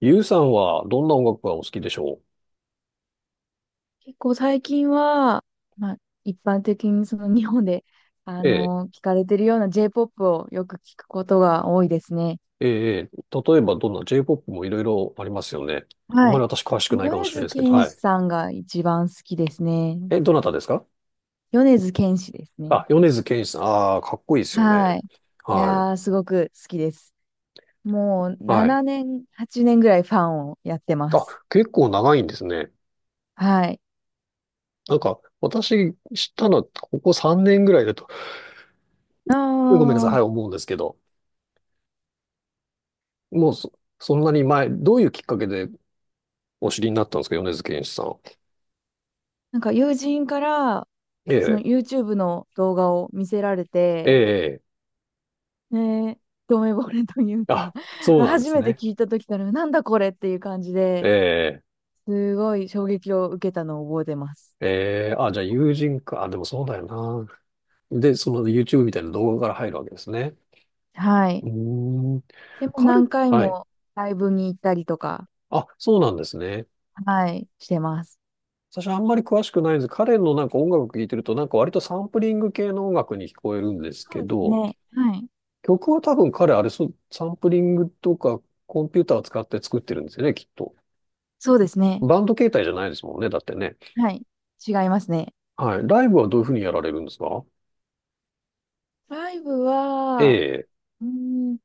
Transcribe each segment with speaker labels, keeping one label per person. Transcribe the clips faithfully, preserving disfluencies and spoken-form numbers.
Speaker 1: ゆうさんはどんな音楽がお好きでしょ
Speaker 2: 結構最近は、まあ、一般的にその日本で、あ
Speaker 1: う。ええ、
Speaker 2: の聞かれてるような J-ポップ をよく聞くことが多いですね。
Speaker 1: ええ、例えばどんな J-ポップ もいろいろありますよね。あん
Speaker 2: は
Speaker 1: まり
Speaker 2: い。
Speaker 1: 私詳しく
Speaker 2: 米
Speaker 1: ないかもしれない
Speaker 2: 津
Speaker 1: ですけど、
Speaker 2: 玄
Speaker 1: は
Speaker 2: 師
Speaker 1: い。
Speaker 2: さんが一番好きですね。
Speaker 1: え、どなたですか？
Speaker 2: 米津玄師ですね。
Speaker 1: あ、米津玄師さん。ああ、かっこいいですよね。
Speaker 2: はい。い
Speaker 1: は
Speaker 2: やー、
Speaker 1: い。
Speaker 2: すごく好きです。もう
Speaker 1: はい。
Speaker 2: しちねん、はちねんぐらいファンをやってま
Speaker 1: あ、
Speaker 2: す。
Speaker 1: 結構長いんですね。
Speaker 2: はい。
Speaker 1: なんか、私知ったのはここさんねんぐらいだと、ごめんなさい、はい、
Speaker 2: ああ、
Speaker 1: 思うんですけど、もうそ、そんなに前、どういうきっかけでお知りになったんですか、米津玄師さん。
Speaker 2: なんか友人から、
Speaker 1: え
Speaker 2: その
Speaker 1: え、
Speaker 2: YouTube の動画を見せられ
Speaker 1: え
Speaker 2: て、
Speaker 1: え、
Speaker 2: ねえ、一目惚れというか、
Speaker 1: あ、そうなんで
Speaker 2: 初
Speaker 1: す
Speaker 2: めて
Speaker 1: ね。
Speaker 2: 聞いた時から、なんだこれっていう感じ
Speaker 1: え
Speaker 2: で、
Speaker 1: え。
Speaker 2: すごい衝撃を受けたのを覚えてます。
Speaker 1: えー、あ、じゃあ友人か。あ、でもそうだよな。で、その YouTube みたいな動画から入るわけですね。
Speaker 2: は
Speaker 1: う
Speaker 2: い。
Speaker 1: ーん。
Speaker 2: でも
Speaker 1: 彼、
Speaker 2: 何回
Speaker 1: はい。
Speaker 2: もライブに行ったりとか、
Speaker 1: あ、そうなんですね。
Speaker 2: はい、してます。
Speaker 1: 私あんまり詳しくないんです。彼のなんか音楽聴いてると、なんか割とサンプリング系の音楽に聞こえるんです
Speaker 2: そ
Speaker 1: け
Speaker 2: うです
Speaker 1: ど、
Speaker 2: ね。はい。
Speaker 1: 曲は多分彼あれ、そう、サンプリングとかコンピューターを使って作ってるんですよね、きっと。
Speaker 2: そうですね。
Speaker 1: バンド形態じゃないですもんね、だってね。
Speaker 2: はい。違いますね。
Speaker 1: はい。ライブはどういうふうにやられるんですか？
Speaker 2: ライブ
Speaker 1: え
Speaker 2: は、
Speaker 1: え、
Speaker 2: うーん、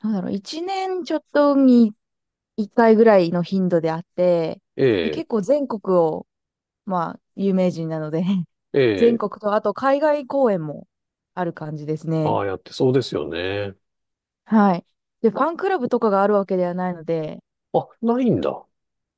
Speaker 2: なんだろう、いちねんちょっとにいっかいぐらいの頻度であって、
Speaker 1: え
Speaker 2: で
Speaker 1: え、
Speaker 2: 結構全国を、まあ、有名人なので
Speaker 1: え
Speaker 2: 全
Speaker 1: え、
Speaker 2: 国と、あと海外公演もある感じですね。
Speaker 1: ああやってそうですよね。
Speaker 2: はい。で、ファンクラブとかがあるわけではないので、
Speaker 1: あ、ないんだ。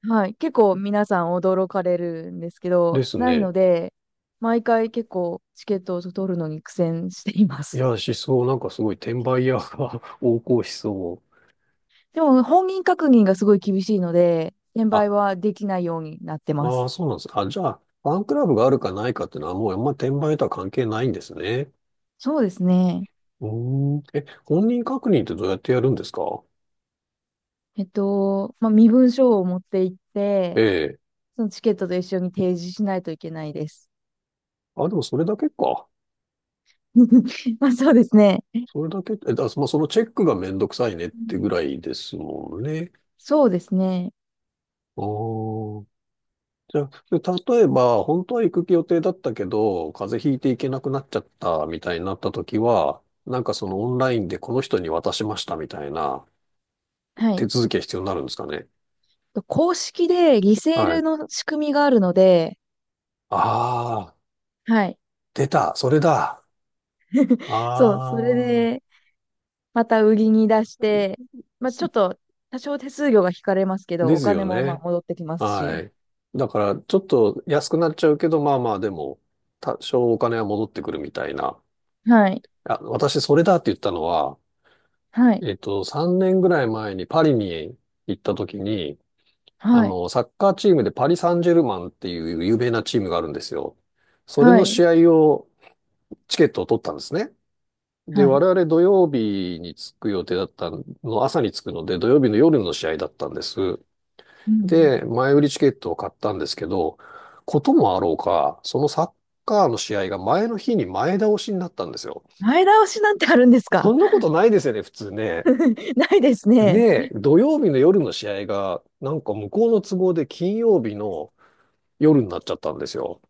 Speaker 2: はい。結構皆さん驚かれるんですけど、
Speaker 1: です
Speaker 2: ない
Speaker 1: ね。
Speaker 2: ので、毎回結構チケットを取るのに苦戦していま
Speaker 1: い
Speaker 2: す。
Speaker 1: や、しそう、なんかすごい転売屋が 横行しそう。
Speaker 2: でも、本人確認がすごい厳しいので、転
Speaker 1: あ、
Speaker 2: 売はできないようになってま
Speaker 1: ああ、
Speaker 2: す。
Speaker 1: そうなんです。あ、じゃあ、ファンクラブがあるかないかっていうのはもうあんま転売とは関係ないんですね。
Speaker 2: そうですね。
Speaker 1: うーん。え、本人確認ってどうやってやるんですか？
Speaker 2: えっと、まあ、身分証を持って行っ
Speaker 1: え
Speaker 2: て、
Speaker 1: え。
Speaker 2: そのチケットと一緒に提示しないといけないです。
Speaker 1: あ、でもそれだけか。
Speaker 2: まあ、そうですね。
Speaker 1: それだけ、え、だ、まあ、そのチェックがめんどくさいねってぐらいですもんね。
Speaker 2: そうですね。
Speaker 1: ああ。じゃあ、例えば、本当は行く予定だったけど、風邪ひいて行けなくなっちゃったみたいになった時は、なんかそのオンラインでこの人に渡しましたみたいな
Speaker 2: は
Speaker 1: 手
Speaker 2: い。
Speaker 1: 続きが必要になるんですかね。
Speaker 2: 公式でリセー
Speaker 1: は
Speaker 2: ル
Speaker 1: い。
Speaker 2: の仕組みがあるので、
Speaker 1: ああ、
Speaker 2: はい。
Speaker 1: 出た、それだ。
Speaker 2: そう、それ
Speaker 1: あ
Speaker 2: で、
Speaker 1: あ、
Speaker 2: また売りに出して、まあ、ちょ
Speaker 1: す
Speaker 2: っと、多少手数料が引かれますけど、
Speaker 1: で
Speaker 2: お
Speaker 1: すよ
Speaker 2: 金もまあ
Speaker 1: ね。
Speaker 2: 戻ってきます
Speaker 1: は
Speaker 2: し。
Speaker 1: い。だから、ちょっと安くなっちゃうけど、まあまあ、でも、多少お金は戻ってくるみたいな。
Speaker 2: はい。
Speaker 1: あ、私、それだって言ったのは、
Speaker 2: はい。
Speaker 1: えっと、さんねんぐらい前にパリに行った時に、あ
Speaker 2: はい。
Speaker 1: の、サッカーチームでパリ・サンジェルマンっていう有名なチームがあるんですよ。それ
Speaker 2: は
Speaker 1: の
Speaker 2: い。
Speaker 1: 試合を、チケットを取ったんですね。で、
Speaker 2: は
Speaker 1: 我
Speaker 2: い。
Speaker 1: 々土曜日に着く予定だったの、朝に着くので、土曜日の夜の試合だったんです。
Speaker 2: うん。
Speaker 1: で、前売りチケットを買ったんですけど、こともあろうか、そのサッカーの試合が前の日に前倒しになったんですよ。
Speaker 2: 前倒しなんてあるんです
Speaker 1: そ
Speaker 2: か？
Speaker 1: んなことないですよね、普通ね。
Speaker 2: ないです
Speaker 1: ね
Speaker 2: ね。
Speaker 1: え、土曜日の夜の試合が、なんか向こうの都合で金曜日の夜になっちゃったんですよ。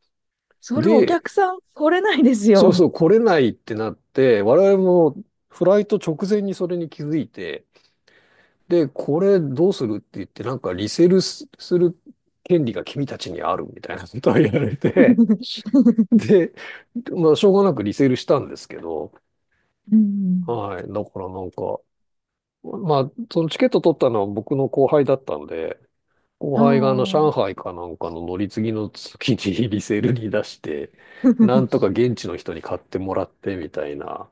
Speaker 2: それお
Speaker 1: で、
Speaker 2: 客さん来れないです
Speaker 1: そう
Speaker 2: よ。
Speaker 1: そう、来れないってなって、我々もフライト直前にそれに気づいて、で、これどうするって言って、なんかリセールすする権利が君たちにあるみたいな ことを言われて、で、まあ、しょうがなくリセールしたんですけど、
Speaker 2: うん。
Speaker 1: はい。だからなんか、まあ、そのチケット取ったのは僕の後輩だったんで、
Speaker 2: あ
Speaker 1: 後輩があの
Speaker 2: あ。
Speaker 1: 上海かなんかの乗り継ぎの月にリセールに出して、なんとか 現地の人に買ってもらってみたいな、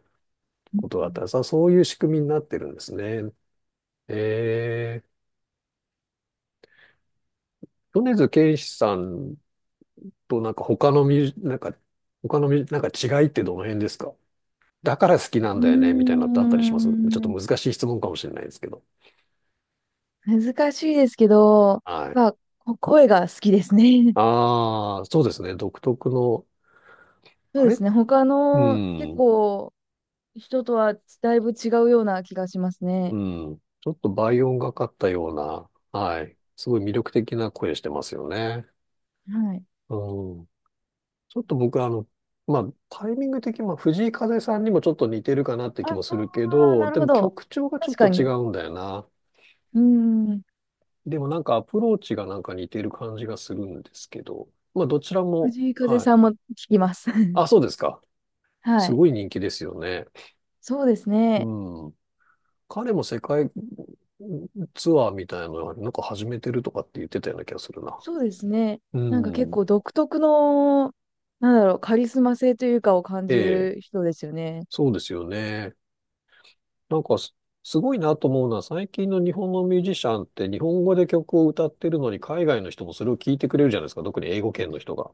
Speaker 1: ことだったんです。あ、そういう仕組みになってるんですね。えー、米津玄師さんとなんか他のミュージ、なんか、他のミュージ、なんか違いってどの辺ですか？だから好きな
Speaker 2: う
Speaker 1: ん
Speaker 2: ー
Speaker 1: だよね、みたいなのってあったりします？ちょっと
Speaker 2: ん、
Speaker 1: 難しい質問かもしれないですけど。
Speaker 2: 難しいですけど、
Speaker 1: はい。
Speaker 2: やっぱこ声が好きですね。
Speaker 1: ああ、そうですね。独特の、
Speaker 2: そう
Speaker 1: あ
Speaker 2: で
Speaker 1: れ
Speaker 2: すね。他
Speaker 1: う
Speaker 2: の結
Speaker 1: ん、
Speaker 2: 構人とはだいぶ違うような気がしますね。
Speaker 1: うん。ちょっと倍音がかったような、はい。すごい魅力的な声してますよね。
Speaker 2: はい。
Speaker 1: うん。ちょっと僕はあの、まあ、タイミング的に、まあ、藤井風さんにもちょっと似てるかなって気
Speaker 2: あ
Speaker 1: もするけ
Speaker 2: あ、
Speaker 1: ど、
Speaker 2: なる
Speaker 1: で
Speaker 2: ほ
Speaker 1: も
Speaker 2: ど。
Speaker 1: 曲調がちょ
Speaker 2: 確
Speaker 1: っ
Speaker 2: か
Speaker 1: と
Speaker 2: に。
Speaker 1: 違
Speaker 2: う
Speaker 1: うんだよな。
Speaker 2: ん。
Speaker 1: でもなんかアプローチがなんか似てる感じがするんですけど、まあ、どちらも、
Speaker 2: 藤井風
Speaker 1: はい。
Speaker 2: さんも聞きます。
Speaker 1: あ、そうですか。
Speaker 2: は
Speaker 1: す
Speaker 2: い。
Speaker 1: ごい人気ですよね。
Speaker 2: そうですね。
Speaker 1: うん。彼も世界ツアーみたいなのなんか始めてるとかって言ってたような気がするな。
Speaker 2: そうですね。
Speaker 1: う
Speaker 2: なんか結
Speaker 1: ん。
Speaker 2: 構独特の、なんだろう、カリスマ性というかを感
Speaker 1: え
Speaker 2: じ
Speaker 1: え。
Speaker 2: る人ですよね。
Speaker 1: そうですよね。なんかす、すごいなと思うのは、最近の日本のミュージシャンって日本語で曲を歌ってるのに、海外の人もそれを聞いてくれるじゃないですか。特に英語圏の人が。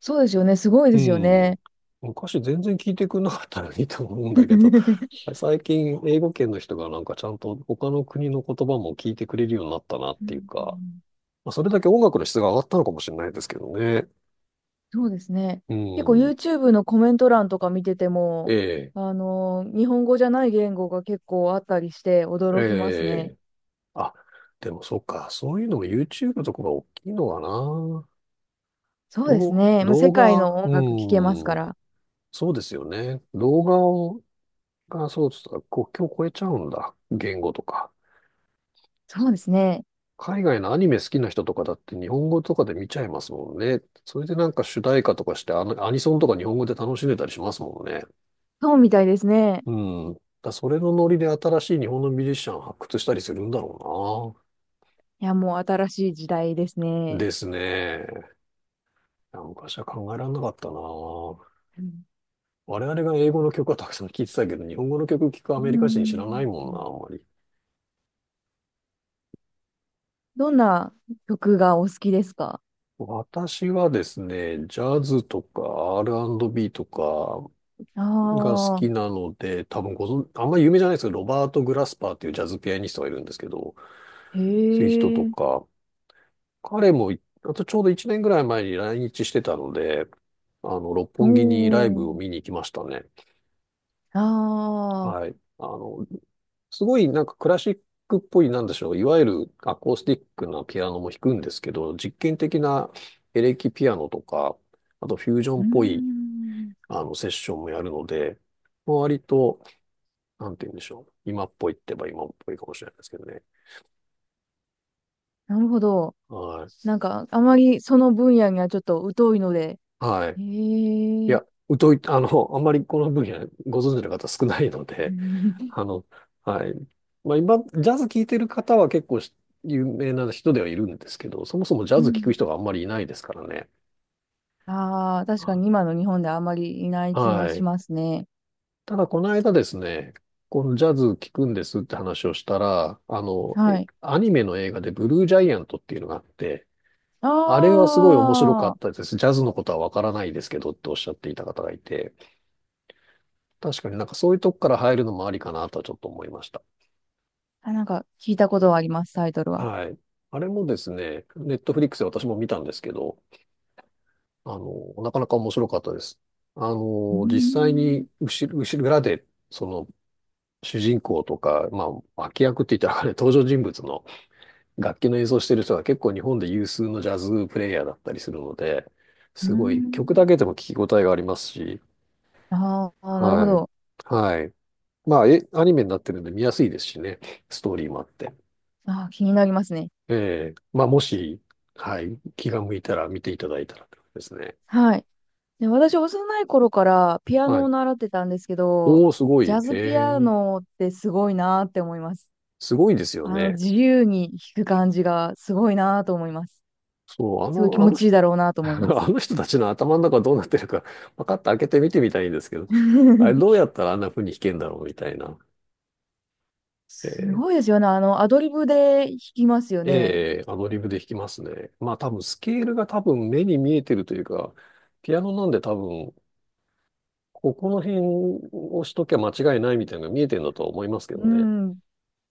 Speaker 2: そうですよね。すごい
Speaker 1: う
Speaker 2: ですよ
Speaker 1: ん。
Speaker 2: ね。
Speaker 1: 昔全然聞いてくれなかったのにと思うんだけど、最近英語圏の人がなんかちゃんと他の国の言葉も聞いてくれるようになったなっ
Speaker 2: うん
Speaker 1: ていう
Speaker 2: う
Speaker 1: か、
Speaker 2: ん、
Speaker 1: まあ、それだけ音楽の質が上がったのかもしれないですけどね。
Speaker 2: そうですね。
Speaker 1: う
Speaker 2: 結構
Speaker 1: ん。
Speaker 2: YouTube のコメント欄とか見てて
Speaker 1: え
Speaker 2: も、
Speaker 1: え、
Speaker 2: あのー日本語じゃない言語が結構あったりして驚きますね。
Speaker 1: ええ。あ、でもそうか。そういうのも YouTube とかが大きいのかな。
Speaker 2: そうです
Speaker 1: どう、
Speaker 2: ね。もう世
Speaker 1: 動
Speaker 2: 界
Speaker 1: 画、
Speaker 2: の音楽聴けます
Speaker 1: う
Speaker 2: か
Speaker 1: ん、
Speaker 2: ら。
Speaker 1: そうですよね。動画を、が、そうです。国境を超えちゃうんだ。言語とか。
Speaker 2: そうですね。
Speaker 1: 海外のアニメ好きな人とかだって日本語とかで見ちゃいますもんね。それでなんか主題歌とかしてアニ、アニソンとか日本語で楽しんでたりしますもんね。
Speaker 2: そうみたいですね。
Speaker 1: うん。だそれのノリで新しい日本のミュージシャン発掘したりするんだろ
Speaker 2: いや、もう新しい時代です
Speaker 1: うな。
Speaker 2: ね。
Speaker 1: ですね。いや昔は考えられなかったな。
Speaker 2: うん
Speaker 1: 我々が英語の曲はたくさん聴いてたけど、日本語の曲聴くア
Speaker 2: う
Speaker 1: メリカ人知らないもんな、
Speaker 2: ん、
Speaker 1: あんまり。
Speaker 2: どんな曲がお好きですか？
Speaker 1: 私はですね、ジャズとか アールアンドビー とかが好
Speaker 2: ああ
Speaker 1: きなので、多分ご存、あんまり有名じゃないですけど、ロバート・グラスパーっていうジャズピアニストがいるんですけど、
Speaker 2: ー、
Speaker 1: そういう人
Speaker 2: へ
Speaker 1: と
Speaker 2: え、
Speaker 1: か、彼も、あとちょうどいちねんぐらい前に来日してたので、あの、六
Speaker 2: お
Speaker 1: 本木にライブを
Speaker 2: ー、
Speaker 1: 見に行きましたね。
Speaker 2: ああ、
Speaker 1: はい。あの、すごいなんかクラシックっぽい、なんでしょう、いわゆるアコースティックなピアノも弾くんですけど、実験的なエレキピアノとか、あとフュージョ
Speaker 2: う
Speaker 1: ン
Speaker 2: ー
Speaker 1: っぽい
Speaker 2: ん、
Speaker 1: あの、セッションもやるので、割と、なんて言うんでしょう。今っぽいって言えば今っぽいかもしれないですけどね。
Speaker 2: なるほど。
Speaker 1: は
Speaker 2: なんか、あまりその分野にはちょっと疎いので。
Speaker 1: い。はい。
Speaker 2: へ
Speaker 1: い
Speaker 2: え。
Speaker 1: や、疎い、あの、あんまりこの分野ご存知の方少ないの
Speaker 2: う
Speaker 1: で、
Speaker 2: ん。
Speaker 1: あの、はい。まあ今、ジャズ聴いてる方は結構し有名な人ではいるんですけど、そもそもジャズ聴く人があん まりいないですからね。
Speaker 2: ああー、確かに今の日本ではあまりいない気は
Speaker 1: は
Speaker 2: し
Speaker 1: い。
Speaker 2: ますね。
Speaker 1: ただ、この間ですね、このジャズ聴くんですって話をしたら、あの、
Speaker 2: は
Speaker 1: え
Speaker 2: い。
Speaker 1: アニメの映画でブルージャイアントっていうのがあって、
Speaker 2: あ
Speaker 1: あれはすごい面白か
Speaker 2: ー
Speaker 1: ったです。ジャズのことはわからないですけどっておっしゃっていた方がいて、確かになんかそういうとこから入るのもありかなとはちょっと思いました。
Speaker 2: あ、なんか聞いたことはあります、タイトルは。
Speaker 1: はい。あれもですね、ネットフリックスで私も見たんですけど、あの、なかなか面白かったです。あ
Speaker 2: うー
Speaker 1: の、実際
Speaker 2: ん。
Speaker 1: に後ろ、後ろ裏で、その、主人公とか、まあ、脇役って言ったらあれ、登場人物の楽器の演奏してる人が結構日本で有数のジャズプレイヤーだったりするので、
Speaker 2: うー
Speaker 1: すごい曲だ
Speaker 2: ん。
Speaker 1: けでも聞き応えがありますし、
Speaker 2: ああ、なるほ
Speaker 1: はい。
Speaker 2: ど。
Speaker 1: はい。まあ、え、アニメになってるんで見やすいですしね。ストーリーもあって。
Speaker 2: ああ、気になりますね。
Speaker 1: ええまあ、もし、はい。気が向いたら見ていただいたらってことですね。
Speaker 2: はい。で、私、幼い頃からピア
Speaker 1: は
Speaker 2: ノを
Speaker 1: い。
Speaker 2: 習ってたんですけど、
Speaker 1: おー、すご
Speaker 2: ジ
Speaker 1: い。
Speaker 2: ャ
Speaker 1: え
Speaker 2: ズピア
Speaker 1: え、
Speaker 2: ノってすごいなーって思います。
Speaker 1: すごいですよ
Speaker 2: あの、
Speaker 1: ね。
Speaker 2: 自由に弾く感じがすごいなと思います。
Speaker 1: そう、あ
Speaker 2: すごい気
Speaker 1: の、あ
Speaker 2: 持
Speaker 1: の
Speaker 2: ちいい
Speaker 1: 人、
Speaker 2: だろうな と思い
Speaker 1: あ
Speaker 2: ます。
Speaker 1: の人たちの頭の中どうなってるか、パカッと開けて見てみたいんですけど、あれどう やったらあんな風に弾けんだろうみたいな。
Speaker 2: す
Speaker 1: え
Speaker 2: ご
Speaker 1: え
Speaker 2: いですよね。あの、アドリブで弾きますよね。
Speaker 1: ええアドリブで弾きますね。まあ多分スケールが多分目に見えてるというか、ピアノなんで多分ここの辺をしときゃ間違いないみたいなのが見えてるんだとは思いますけど
Speaker 2: う
Speaker 1: ね。
Speaker 2: ん。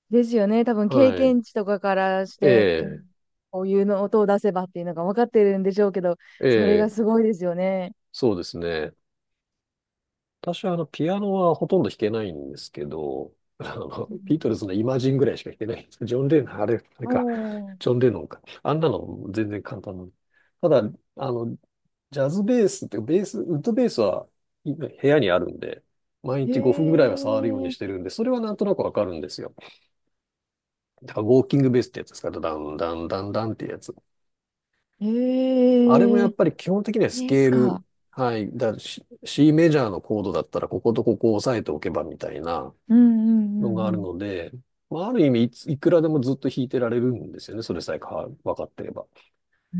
Speaker 2: ですよね。多分経
Speaker 1: はい。
Speaker 2: 験値とかからし
Speaker 1: え
Speaker 2: て、こう
Speaker 1: え、
Speaker 2: こういうの音を出せばっていうのが分かってるんでしょうけど、
Speaker 1: え
Speaker 2: それが
Speaker 1: え、
Speaker 2: すごいですよね。
Speaker 1: そうですね。私はあの、ピアノはほとんど弾けないんですけど、あの、
Speaker 2: う
Speaker 1: ビー
Speaker 2: ん。
Speaker 1: トルズのイマジンぐらいしか弾けないんです。ジョン・レノン、あれ、あれ
Speaker 2: お
Speaker 1: か、
Speaker 2: ー、
Speaker 1: ジョン・レノンか。あんなの全然簡単なの。ただ、あの、ジャズベースって、ベース、ウッドベースは部屋にあるんで、毎日ごふんぐらい
Speaker 2: へ
Speaker 1: は触るように
Speaker 2: え、
Speaker 1: してるんで、それはなんとなくわかるんですよ。だからウォーキングベースってやつですか、ダン、ダン、ダン、ダンっていうやつ。あれも
Speaker 2: へ
Speaker 1: や
Speaker 2: え、
Speaker 1: っぱり基本的にはス
Speaker 2: で
Speaker 1: ケ
Speaker 2: す
Speaker 1: ー
Speaker 2: か。
Speaker 1: ル、はい、だ C、C メジャーのコードだったらこことここを押さえておけばみたいな
Speaker 2: うんう
Speaker 1: の
Speaker 2: ん
Speaker 1: が
Speaker 2: うんう
Speaker 1: ある
Speaker 2: ん。
Speaker 1: ので、まあ、ある意味いつ、いくらでもずっと弾いてられるんですよね、それさえか分かってれば。
Speaker 2: うー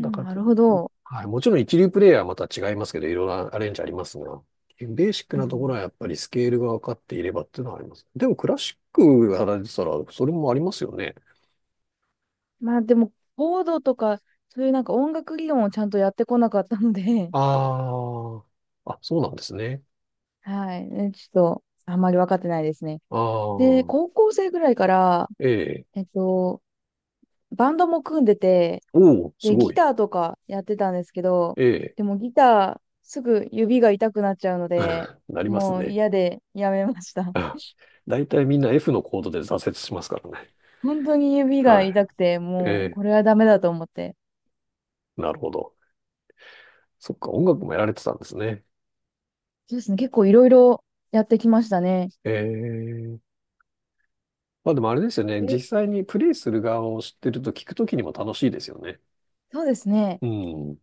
Speaker 1: だから、
Speaker 2: なるほど。
Speaker 1: はい、もちろん一流プレイヤーはまた違いますけど、いろいろアレンジありますが、ベーシック
Speaker 2: う
Speaker 1: なところ
Speaker 2: ん、
Speaker 1: はやっぱりスケールが分かっていればっていうのはあります。でもクラシックやられてたら、それもありますよね。
Speaker 2: まあでも、コードとか、そういうなんか音楽理論をちゃんとやってこなかったので、
Speaker 1: ああ、あ、そうなんですね。
Speaker 2: はい、ねちょっと、あんまり分かってないですね。
Speaker 1: あ
Speaker 2: で、
Speaker 1: あ、
Speaker 2: 高校生ぐらいから、
Speaker 1: ええ。
Speaker 2: えっと、バンドも組んでて、
Speaker 1: おお、す
Speaker 2: で、
Speaker 1: ご
Speaker 2: ギ
Speaker 1: い。
Speaker 2: ターとかやってたんですけど、
Speaker 1: ええ。
Speaker 2: でもギター、すぐ指が痛くなっちゃうので、
Speaker 1: なります
Speaker 2: もう
Speaker 1: ね。
Speaker 2: 嫌でやめまし た。
Speaker 1: あ、 大体みんな F のコードで挫折しますからね。
Speaker 2: 本当に指が
Speaker 1: は
Speaker 2: 痛くて、
Speaker 1: い。
Speaker 2: もう
Speaker 1: え
Speaker 2: これはダメだと思って。
Speaker 1: え、なるほど。そっか、音楽もやられてたんですね。
Speaker 2: そうですね、結構いろいろやってきましたね。
Speaker 1: ええ。まあでもあれですよね。
Speaker 2: え、
Speaker 1: 実際にプレイする側を知ってると聞くときにも楽しいですよね。
Speaker 2: そうですね。
Speaker 1: うん。